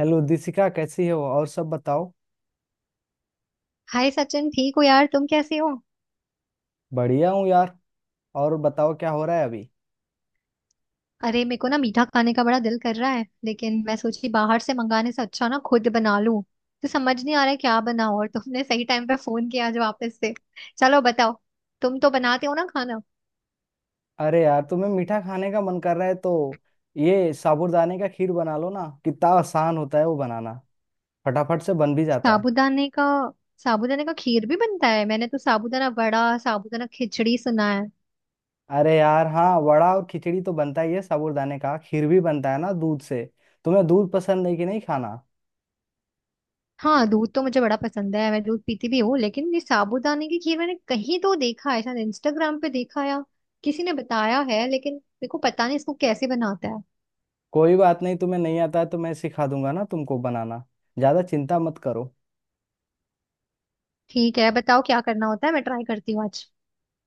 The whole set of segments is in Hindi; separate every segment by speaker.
Speaker 1: हेलो दिशिका, कैसी हो? और सब बताओ।
Speaker 2: हाय सचिन, ठीक हो यार? तुम कैसे हो?
Speaker 1: बढ़िया हूँ यार। और बताओ क्या हो रहा है अभी।
Speaker 2: अरे, मेरे को ना मीठा खाने का बड़ा दिल कर रहा है, लेकिन मैं सोची बाहर से मंगाने से अच्छा ना खुद बना लूं। तो समझ नहीं आ रहा है क्या बनाऊं। और तुमने सही टाइम पे फोन किया आज वापस से। चलो बताओ, तुम तो बनाते हो ना खाना।
Speaker 1: अरे यार, तुम्हें मीठा खाने का मन कर रहा है तो ये साबूदाने का खीर बना लो ना। कितना आसान होता है वो बनाना। फटाफट से बन भी जाता है।
Speaker 2: साबूदाने का? साबूदाने का खीर भी बनता है? मैंने तो साबूदाना वड़ा, साबूदाना खिचड़ी सुना है।
Speaker 1: अरे यार हाँ, वड़ा और खिचड़ी तो बनता ही है, साबूदाने का खीर भी बनता है ना दूध से। तुम्हें दूध पसंद है कि नहीं खाना?
Speaker 2: हाँ, दूध तो मुझे बड़ा पसंद है, मैं दूध पीती भी हूँ। लेकिन ये साबूदाने की खीर मैंने कहीं तो देखा है, शायद इंस्टाग्राम पे देखा, या किसी ने बताया है। लेकिन मेरे को पता नहीं इसको कैसे बनाता है।
Speaker 1: कोई बात नहीं, तुम्हें नहीं आता है तो मैं सिखा दूंगा ना तुमको बनाना। ज्यादा चिंता मत करो।
Speaker 2: ठीक है, बताओ क्या करना होता है, मैं ट्राई करती हूँ आज।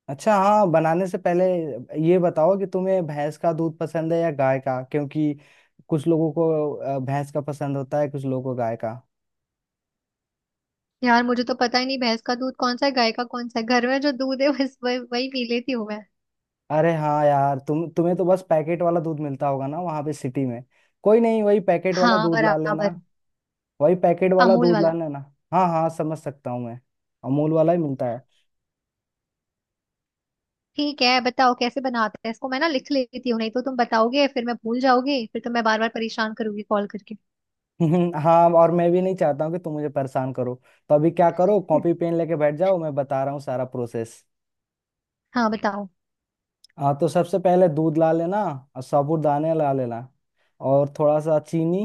Speaker 1: अच्छा हाँ, बनाने से पहले ये बताओ कि तुम्हें भैंस का दूध पसंद है या गाय का, क्योंकि कुछ लोगों को भैंस का पसंद होता है, कुछ लोगों को गाय का।
Speaker 2: यार, मुझे तो पता ही नहीं भैंस का दूध कौन सा है, गाय का कौन सा है। घर में जो दूध है, बस वही वही पी लेती हूँ मैं।
Speaker 1: अरे हाँ यार, तुम्हें तो बस पैकेट वाला दूध मिलता होगा ना वहां पे सिटी में। कोई नहीं, वही पैकेट वाला
Speaker 2: हाँ
Speaker 1: दूध ला लेना।
Speaker 2: बराबर।
Speaker 1: वही पैकेट वाला
Speaker 2: अमूल
Speaker 1: दूध ला
Speaker 2: वाला।
Speaker 1: लेना। हाँ हाँ, समझ सकता हूँ मैं। अमूल वाला ही मिलता है।
Speaker 2: ठीक है, बताओ कैसे बनाते हैं इसको। मैं ना लिख लेती हूँ, नहीं तो तुम बताओगे फिर मैं भूल जाओगे, फिर तो मैं बार बार परेशान करूंगी कॉल करके।
Speaker 1: हाँ, और मैं भी नहीं चाहता हूँ कि तुम मुझे परेशान करो। तो अभी क्या करो, कॉपी पेन लेके बैठ जाओ, मैं बता रहा हूँ सारा प्रोसेस।
Speaker 2: हाँ, बताओ।
Speaker 1: हाँ तो सबसे पहले दूध ला लेना। और साबूदाने ला लेना। और थोड़ा सा चीनी।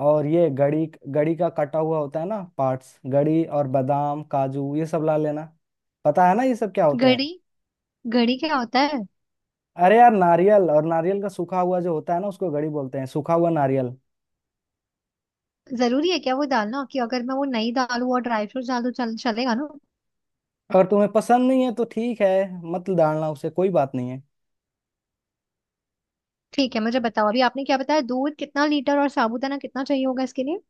Speaker 1: और ये गड़ी। गड़ी का कटा हुआ होता है ना पार्ट्स, गड़ी और बादाम काजू ये सब ला लेना। पता है ना ये सब क्या होते हैं?
Speaker 2: गरी? घड़ी क्या होता है?
Speaker 1: अरे यार, नारियल, और नारियल का सूखा हुआ जो होता है ना उसको गड़ी बोलते हैं, सूखा हुआ नारियल।
Speaker 2: जरूरी है क्या वो डालना? कि अगर मैं वो नहीं डालूं और ड्राई फ्रूट्स डाल दूं चल चलेगा ना?
Speaker 1: अगर तुम्हें पसंद नहीं है तो ठीक है, मत डालना उसे, कोई बात नहीं है।
Speaker 2: ठीक है, मुझे बताओ अभी आपने क्या बताया। दूध कितना लीटर और साबूदाना कितना चाहिए होगा इसके लिए?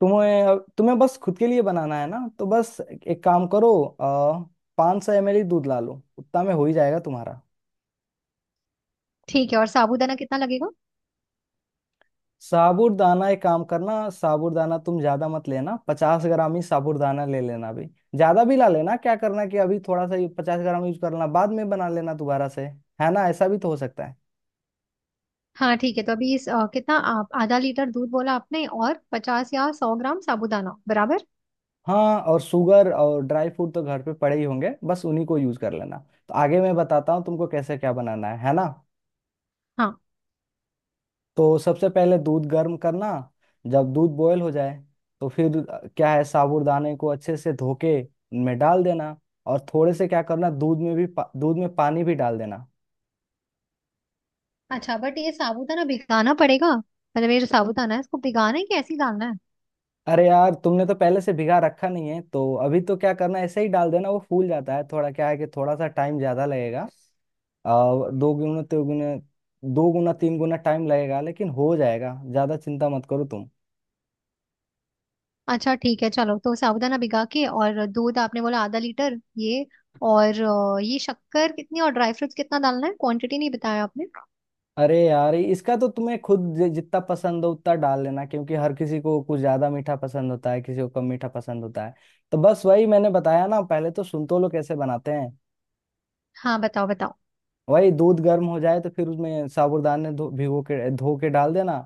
Speaker 1: तुम्हें तुम्हें बस खुद के लिए बनाना है ना, तो बस एक काम करो, 500 ml दूध ला लो, उतना में हो ही जाएगा तुम्हारा।
Speaker 2: ठीक है, और साबूदाना कितना लगेगा?
Speaker 1: साबूदाना एक काम करना, साबूदाना तुम ज्यादा मत लेना, 50 ग्राम ही साबूदाना ले लेना अभी। ज्यादा भी ला लेना क्या करना, कि अभी थोड़ा सा 50 ग्राम यूज कर लेना, बाद में बना लेना दोबारा से। है ना, ऐसा भी तो हो सकता है।
Speaker 2: हाँ ठीक है, तो अभी इस कितना, आप आधा लीटर दूध बोला आपने, और 50 या 100 ग्राम साबूदाना, बराबर?
Speaker 1: हाँ, और शुगर और ड्राई फ्रूट तो घर पे पड़े ही होंगे, बस उन्हीं को यूज कर लेना। तो आगे मैं बताता हूँ तुमको कैसे क्या बनाना है ना।
Speaker 2: हाँ।
Speaker 1: तो सबसे पहले दूध गर्म करना। जब दूध बॉयल हो जाए तो फिर क्या है, साबूदाने को अच्छे से धो के में डाल देना। और थोड़े से क्या करना, दूध में भी दूध में पानी भी डाल देना।
Speaker 2: अच्छा, बट ये साबूदाना भिगाना पड़ेगा? मतलब ये जो साबूदाना है इसको भिगाना है कि ऐसे ही डालना है?
Speaker 1: अरे यार, तुमने तो पहले से भिगा रखा नहीं है तो अभी तो क्या करना, ऐसे ही डाल देना, वो फूल जाता है थोड़ा, क्या है कि थोड़ा सा टाइम ज्यादा लगेगा। अ, दो गुना तीन गुना, दो गुना तीन गुना टाइम लगेगा, लेकिन हो जाएगा, ज्यादा चिंता मत करो तुम।
Speaker 2: अच्छा ठीक है, चलो। तो साबूदाना भिगा के, और दूध आपने बोला आधा लीटर, ये। और ये शक्कर कितनी और ड्राई फ्रूट्स कितना डालना है? क्वांटिटी नहीं बताया आपने।
Speaker 1: अरे यार, इसका तो तुम्हें खुद जितना पसंद हो उतना डाल लेना, क्योंकि हर किसी को कुछ ज्यादा मीठा पसंद होता है, किसी को कम मीठा पसंद होता है। तो बस वही मैंने बताया ना, पहले तो संतोलो कैसे बनाते हैं।
Speaker 2: हाँ बताओ, बताओ।
Speaker 1: वही दूध गर्म हो जाए तो फिर उसमें साबूदाने धो भिगो के धो के डाल देना।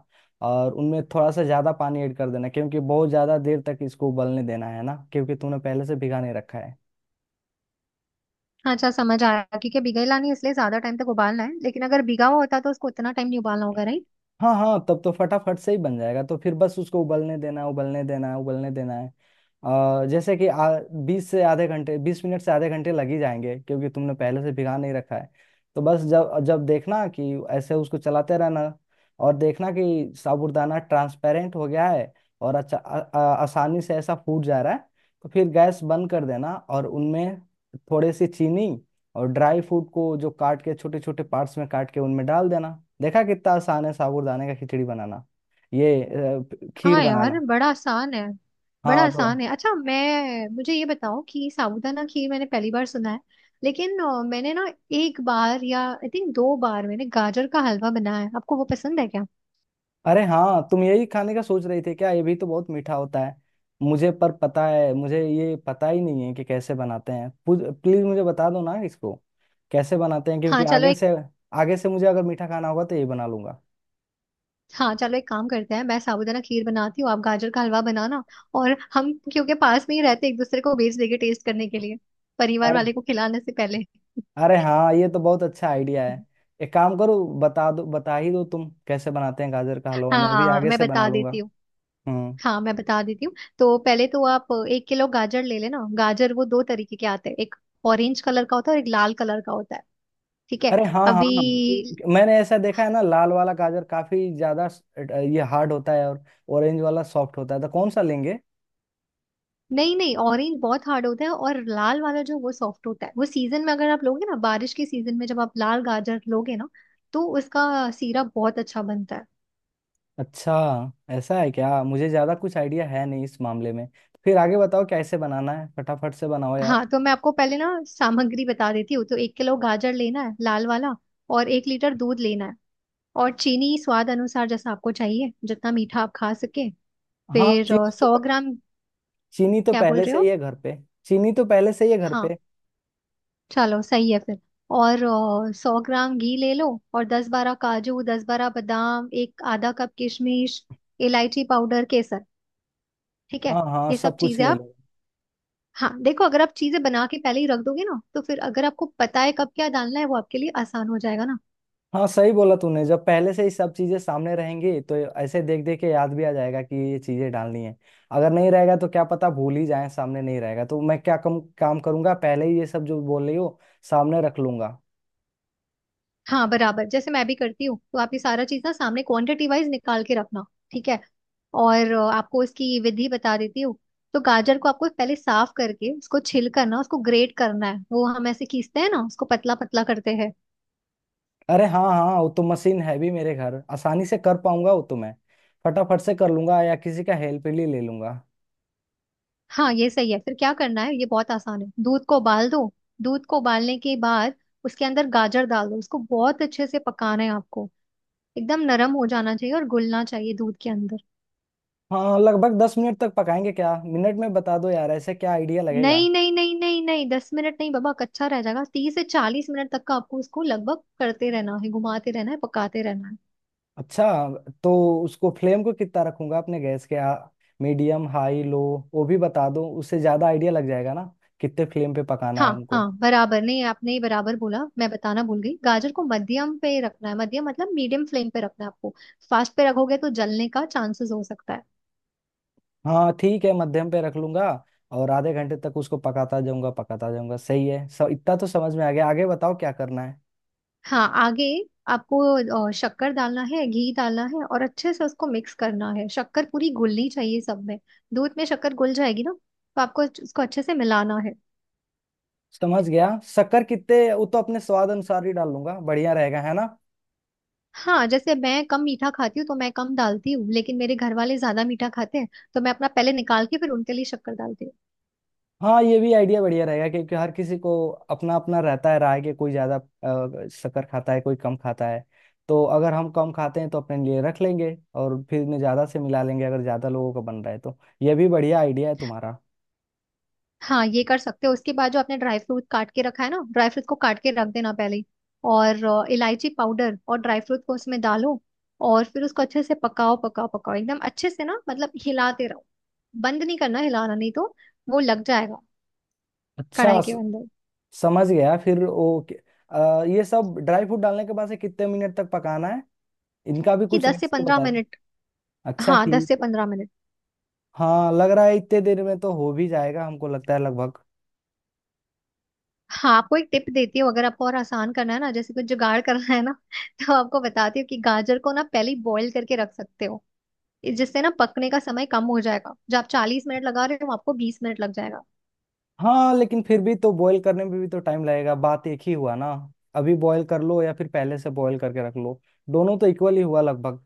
Speaker 1: और उनमें थोड़ा सा ज्यादा पानी ऐड कर देना क्योंकि बहुत ज्यादा देर तक इसको उबलने देना है ना, क्योंकि तुमने पहले से भिगा नहीं रखा है।
Speaker 2: अच्छा समझ आया, क्योंकि भिगाई लानी है इसलिए ज्यादा टाइम तक उबालना है। लेकिन अगर भिगा हुआ होता तो उसको उतना टाइम नहीं उबालना होगा, राइट?
Speaker 1: हाँ हाँ, तब तो फटाफट से ही बन जाएगा, तो फिर बस उसको उबलने देना है उबलने देना है उबलने देना है। जैसे कि बीस से आधे घंटे, 20 मिनट से आधे घंटे लग ही जाएंगे, क्योंकि तुमने पहले से भिगा नहीं रखा है। तो बस जब जब देखना कि ऐसे उसको चलाते रहना, और देखना कि साबूदाना ट्रांसपेरेंट हो गया है, और अच्छा आ, आ, आसानी से ऐसा फूट जा रहा है, तो फिर गैस बंद कर देना और उनमें थोड़ी सी चीनी और ड्राई फ्रूट को जो काट के छोटे छोटे पार्ट्स में काट के उनमें डाल देना। देखा कितना आसान है साबूदाने का खिचड़ी बनाना, ये खीर
Speaker 2: हाँ यार,
Speaker 1: बनाना।
Speaker 2: बड़ा आसान है। बड़ा
Speaker 1: हाँ तो
Speaker 2: आसान है। अच्छा मैं, मुझे ये बताओ कि साबूदाना खीर मैंने पहली बार सुना है। लेकिन मैंने ना एक बार, या आई थिंक दो बार, मैंने गाजर का हलवा बनाया है। आपको वो पसंद है क्या?
Speaker 1: अरे हाँ, तुम यही खाने का सोच रही थी क्या, ये भी तो बहुत मीठा होता है। मुझे पर पता है, मुझे ये पता ही नहीं है कि कैसे बनाते हैं, प्लीज मुझे बता दो ना इसको कैसे बनाते हैं, क्योंकि
Speaker 2: हाँ चलो।
Speaker 1: आगे से मुझे अगर मीठा खाना होगा तो यही बना लूंगा।
Speaker 2: हाँ चलो, एक काम करते हैं, मैं साबूदाना खीर बनाती हूँ, आप गाजर का हलवा बनाना। और हम क्योंकि पास में ही रहते हैं, एक दूसरे को भेज देंगे टेस्ट करने के लिए, परिवार
Speaker 1: अरे,
Speaker 2: वाले को खिलाने से पहले।
Speaker 1: अरे हाँ, ये तो बहुत अच्छा आइडिया है। एक काम करो, बता दो, बता ही दो तुम कैसे बनाते हैं गाजर का हलवा, मैं भी
Speaker 2: हाँ
Speaker 1: आगे
Speaker 2: मैं
Speaker 1: से बना
Speaker 2: बता
Speaker 1: लूंगा।
Speaker 2: देती हूँ।
Speaker 1: हम्म।
Speaker 2: हाँ मैं बता देती हूँ। तो पहले तो आप 1 किलो गाजर ले लेना। गाजर वो दो तरीके के आते हैं, एक ऑरेंज कलर का होता है और एक लाल कलर का होता है। ठीक है?
Speaker 1: अरे हाँ हाँ,
Speaker 2: अभी,
Speaker 1: मैंने ऐसा देखा है ना, लाल वाला गाजर काफी ज्यादा ये हार्ड होता है, और ऑरेंज वाला सॉफ्ट होता है, तो कौन सा लेंगे?
Speaker 2: नहीं नहीं, ऑरेंज बहुत हार्ड होता है और लाल वाला जो वो सॉफ्ट होता है। वो सीजन में अगर आप लोगे ना, बारिश के सीजन में जब आप लाल गाजर लोगे ना, तो उसका सीरप बहुत अच्छा बनता है।
Speaker 1: अच्छा, ऐसा है क्या, मुझे ज्यादा कुछ आइडिया है नहीं इस मामले में। फिर आगे बताओ कैसे बनाना है, फटाफट से बनाओ यार।
Speaker 2: हाँ तो मैं आपको पहले ना सामग्री बता देती हूँ। तो 1 किलो गाजर लेना है, लाल वाला। और 1 लीटर दूध लेना है। और चीनी स्वाद अनुसार, जैसा आपको चाहिए, जितना मीठा आप खा सके।
Speaker 1: हाँ,
Speaker 2: फिर सौ ग्राम
Speaker 1: चीनी तो
Speaker 2: क्या बोल
Speaker 1: पहले
Speaker 2: रहे
Speaker 1: से ही
Speaker 2: हो?
Speaker 1: है घर पे। चीनी तो पहले से ही है घर
Speaker 2: हाँ
Speaker 1: पे।
Speaker 2: चलो, सही है फिर। और 100 ग्राम घी ले लो। और 10-12 काजू, 10-12 बादाम, एक आधा कप किशमिश, इलायची पाउडर, केसर। ठीक है?
Speaker 1: हाँ हाँ,
Speaker 2: ये
Speaker 1: सब
Speaker 2: सब
Speaker 1: कुछ
Speaker 2: चीजें
Speaker 1: ले
Speaker 2: आप।
Speaker 1: लो।
Speaker 2: हाँ देखो, अगर आप चीजें बना के पहले ही रख दोगे ना, तो फिर अगर आपको पता है कब क्या डालना है, वो आपके लिए आसान हो जाएगा ना।
Speaker 1: हाँ, सही बोला तूने, जब पहले से ही सब चीजें सामने रहेंगी तो ऐसे देख देख के याद भी आ जाएगा कि ये चीजें डालनी है। अगर नहीं रहेगा तो क्या पता भूल ही जाए, सामने नहीं रहेगा तो मैं क्या कम काम करूंगा, पहले ही ये सब जो बोल रही हो सामने रख लूंगा।
Speaker 2: हाँ बराबर, जैसे मैं भी करती हूँ। तो आप ये सारा चीज ना सामने क्वांटिटी वाइज निकाल के रखना। ठीक है? और आपको इसकी विधि बता देती हूँ। तो गाजर को आपको पहले साफ करके उसको छिल करना, उसको ग्रेट करना है। वो हम ऐसे खींचते हैं ना, उसको पतला पतला करते हैं।
Speaker 1: अरे हाँ हाँ, वो तो मशीन है भी मेरे घर, आसानी से कर पाऊंगा वो तो, मैं फटाफट से कर लूंगा या किसी का हेल्प भी ले लूंगा।
Speaker 2: हाँ ये सही है। फिर क्या करना है, ये बहुत आसान है। दूध को उबाल दो। दूध को उबालने के बाद उसके अंदर गाजर डाल दो। उसको बहुत अच्छे से पकाना है आपको, एकदम नरम हो जाना चाहिए और घुलना चाहिए दूध के अंदर।
Speaker 1: हाँ लगभग 10 मिनट तक पकाएंगे क्या, मिनट में बता दो यार, ऐसे क्या आइडिया लगेगा।
Speaker 2: नहीं नहीं नहीं नहीं नहीं, 10 मिनट नहीं बाबा, कच्चा रह जाएगा। 30 से 40 मिनट तक का आपको उसको लगभग करते रहना है, घुमाते रहना है, पकाते रहना है।
Speaker 1: अच्छा, तो उसको फ्लेम को कितना रखूंगा अपने गैस के, मीडियम हाई लो, वो भी बता दो, उससे ज्यादा आइडिया लग जाएगा ना, कितने फ्लेम पे पकाना है
Speaker 2: हाँ
Speaker 1: उनको।
Speaker 2: हाँ बराबर। नहीं, आपने ही बराबर बोला, मैं बताना भूल गई। गाजर को मध्यम पे रखना है। मध्यम मतलब मीडियम फ्लेम पे रखना है आपको। फास्ट पे रखोगे तो जलने का चांसेस हो सकता है।
Speaker 1: हाँ ठीक है, मध्यम पे रख लूंगा। और आधे घंटे तक उसको पकाता जाऊंगा पकाता जाऊंगा, सही है सब, इतना तो समझ में आ गया, आगे बताओ क्या करना है।
Speaker 2: हाँ आगे आपको शक्कर डालना है, घी डालना है, और अच्छे से उसको मिक्स करना है। शक्कर पूरी घुलनी चाहिए सब में। दूध में शक्कर घुल जाएगी ना, तो आपको उसको अच्छे से मिलाना है।
Speaker 1: समझ गया। शक्कर कितने, वो तो अपने स्वाद अनुसार ही डाल लूंगा, बढ़िया रहेगा है ना।
Speaker 2: हाँ, जैसे मैं कम मीठा खाती हूँ तो मैं कम डालती हूँ, लेकिन मेरे घर वाले ज्यादा मीठा खाते हैं। तो मैं अपना पहले निकाल के फिर उनके लिए शक्कर डालती हूँ।
Speaker 1: हाँ ये भी आइडिया बढ़िया रहेगा, क्योंकि हर किसी को अपना अपना रहता है राय, कि कोई ज्यादा शक्कर खाता है, कोई कम खाता है। तो अगर हम कम खाते हैं तो अपने लिए रख लेंगे और फिर में ज्यादा से मिला लेंगे, अगर ज्यादा लोगों का बन रहा है तो। ये भी बढ़िया आइडिया है तुम्हारा।
Speaker 2: हाँ ये कर सकते हो। उसके बाद जो आपने ड्राई फ्रूट काट के रखा है ना, ड्राई फ्रूट को काट के रख देना पहले ही। और इलायची पाउडर और ड्राई फ्रूट को उसमें डालो। और फिर उसको अच्छे से पकाओ पकाओ पकाओ, एकदम अच्छे से ना, मतलब हिलाते रहो। बंद नहीं करना हिलाना, नहीं तो वो लग जाएगा
Speaker 1: अच्छा,
Speaker 2: कढ़ाई के अंदर।
Speaker 1: समझ गया। फिर वो ये सब ड्राई फ्रूट डालने के बाद से कितने मिनट तक पकाना है, इनका भी
Speaker 2: कि
Speaker 1: कुछ
Speaker 2: दस से
Speaker 1: रेसिपी
Speaker 2: पंद्रह
Speaker 1: बता दो।
Speaker 2: मिनट
Speaker 1: अच्छा
Speaker 2: हाँ दस
Speaker 1: ठीक।
Speaker 2: से पंद्रह मिनट
Speaker 1: हाँ लग रहा है इतने देर में तो हो भी जाएगा हमको लगता है लगभग।
Speaker 2: हाँ आपको एक टिप देती हूँ, अगर आपको और आसान करना है ना, जैसे कुछ जुगाड़ करना है ना। तो आपको बताती हूँ कि गाजर को ना पहले बॉईल करके रख सकते हो, जिससे ना पकने का समय कम हो जाएगा। जो आप 40 मिनट लगा रहे हो, आपको 20 मिनट लग जाएगा।
Speaker 1: हाँ लेकिन फिर भी तो बॉईल करने में भी तो टाइम लगेगा, बात एक ही हुआ ना। अभी बॉईल कर लो या फिर पहले से बॉईल करके रख लो, दोनों तो इक्वल ही हुआ लगभग।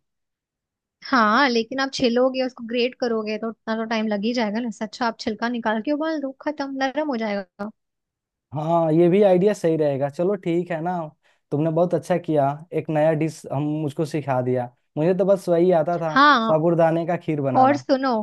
Speaker 2: हाँ लेकिन आप छिलोगे, उसको ग्रेट करोगे, तो उतना तो टाइम लग ही जाएगा ना। इससे अच्छा आप छिलका निकाल के उबाल दो, खत्म, नरम हो जाएगा।
Speaker 1: हाँ ये भी आइडिया सही रहेगा, चलो ठीक है ना। तुमने बहुत अच्छा किया, एक नया डिश हम मुझको सिखा दिया। मुझे तो बस वही आता था,
Speaker 2: हाँ
Speaker 1: साबूदाने का खीर
Speaker 2: और
Speaker 1: बनाना।
Speaker 2: सुनो,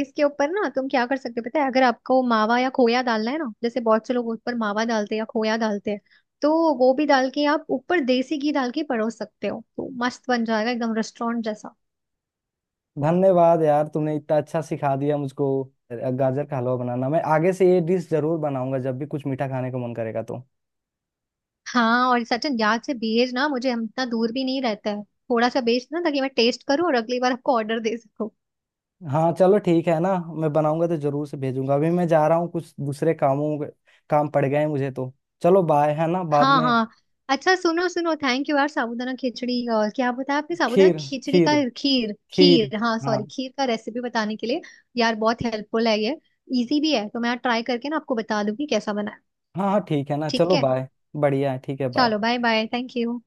Speaker 2: इसके ऊपर ना तुम क्या कर सकते हो पता है, अगर आपको मावा या खोया डालना है ना, जैसे बहुत से लोग ऊपर मावा डालते हैं या खोया डालते हैं, तो वो भी डाल के आप ऊपर देसी घी डाल के परोस सकते हो, तो मस्त बन जाएगा एकदम रेस्टोरेंट जैसा।
Speaker 1: धन्यवाद यार, तुमने इतना अच्छा सिखा दिया मुझको गाजर का हलवा बनाना। मैं आगे से ये डिश जरूर बनाऊंगा जब भी कुछ मीठा खाने का मन करेगा तो।
Speaker 2: हाँ, और सचिन याद से भेज ना मुझे, हम इतना दूर भी नहीं रहता है, थोड़ा सा भेज ना, ताकि मैं टेस्ट करूँ और अगली बार आपको ऑर्डर दे सकूँ।
Speaker 1: हाँ चलो ठीक है ना, मैं बनाऊंगा तो जरूर से भेजूंगा, अभी मैं जा रहा हूँ कुछ दूसरे काम पड़ गए हैं मुझे तो। चलो बाय, है ना, बाद
Speaker 2: हाँ
Speaker 1: में।
Speaker 2: हाँ। अच्छा सुनो सुनो, थैंक यू यार, साबूदाना खिचड़ी, और क्या बताया आपने, साबूदाना
Speaker 1: खीर।
Speaker 2: खिचड़ी का?
Speaker 1: खीर।
Speaker 2: खीर?
Speaker 1: खीर।
Speaker 2: खीर हाँ,
Speaker 1: हाँ।
Speaker 2: सॉरी, खीर का रेसिपी बताने के लिए। यार बहुत हेल्पफुल है ये, इजी भी है। तो मैं ट्राई करके ना आपको बता दूंगी कैसा बना है।
Speaker 1: हाँ हाँ ठीक है ना
Speaker 2: ठीक
Speaker 1: चलो
Speaker 2: है,
Speaker 1: बाय। बढ़िया है, ठीक है, बाय।
Speaker 2: चलो बाय बाय, थैंक यू।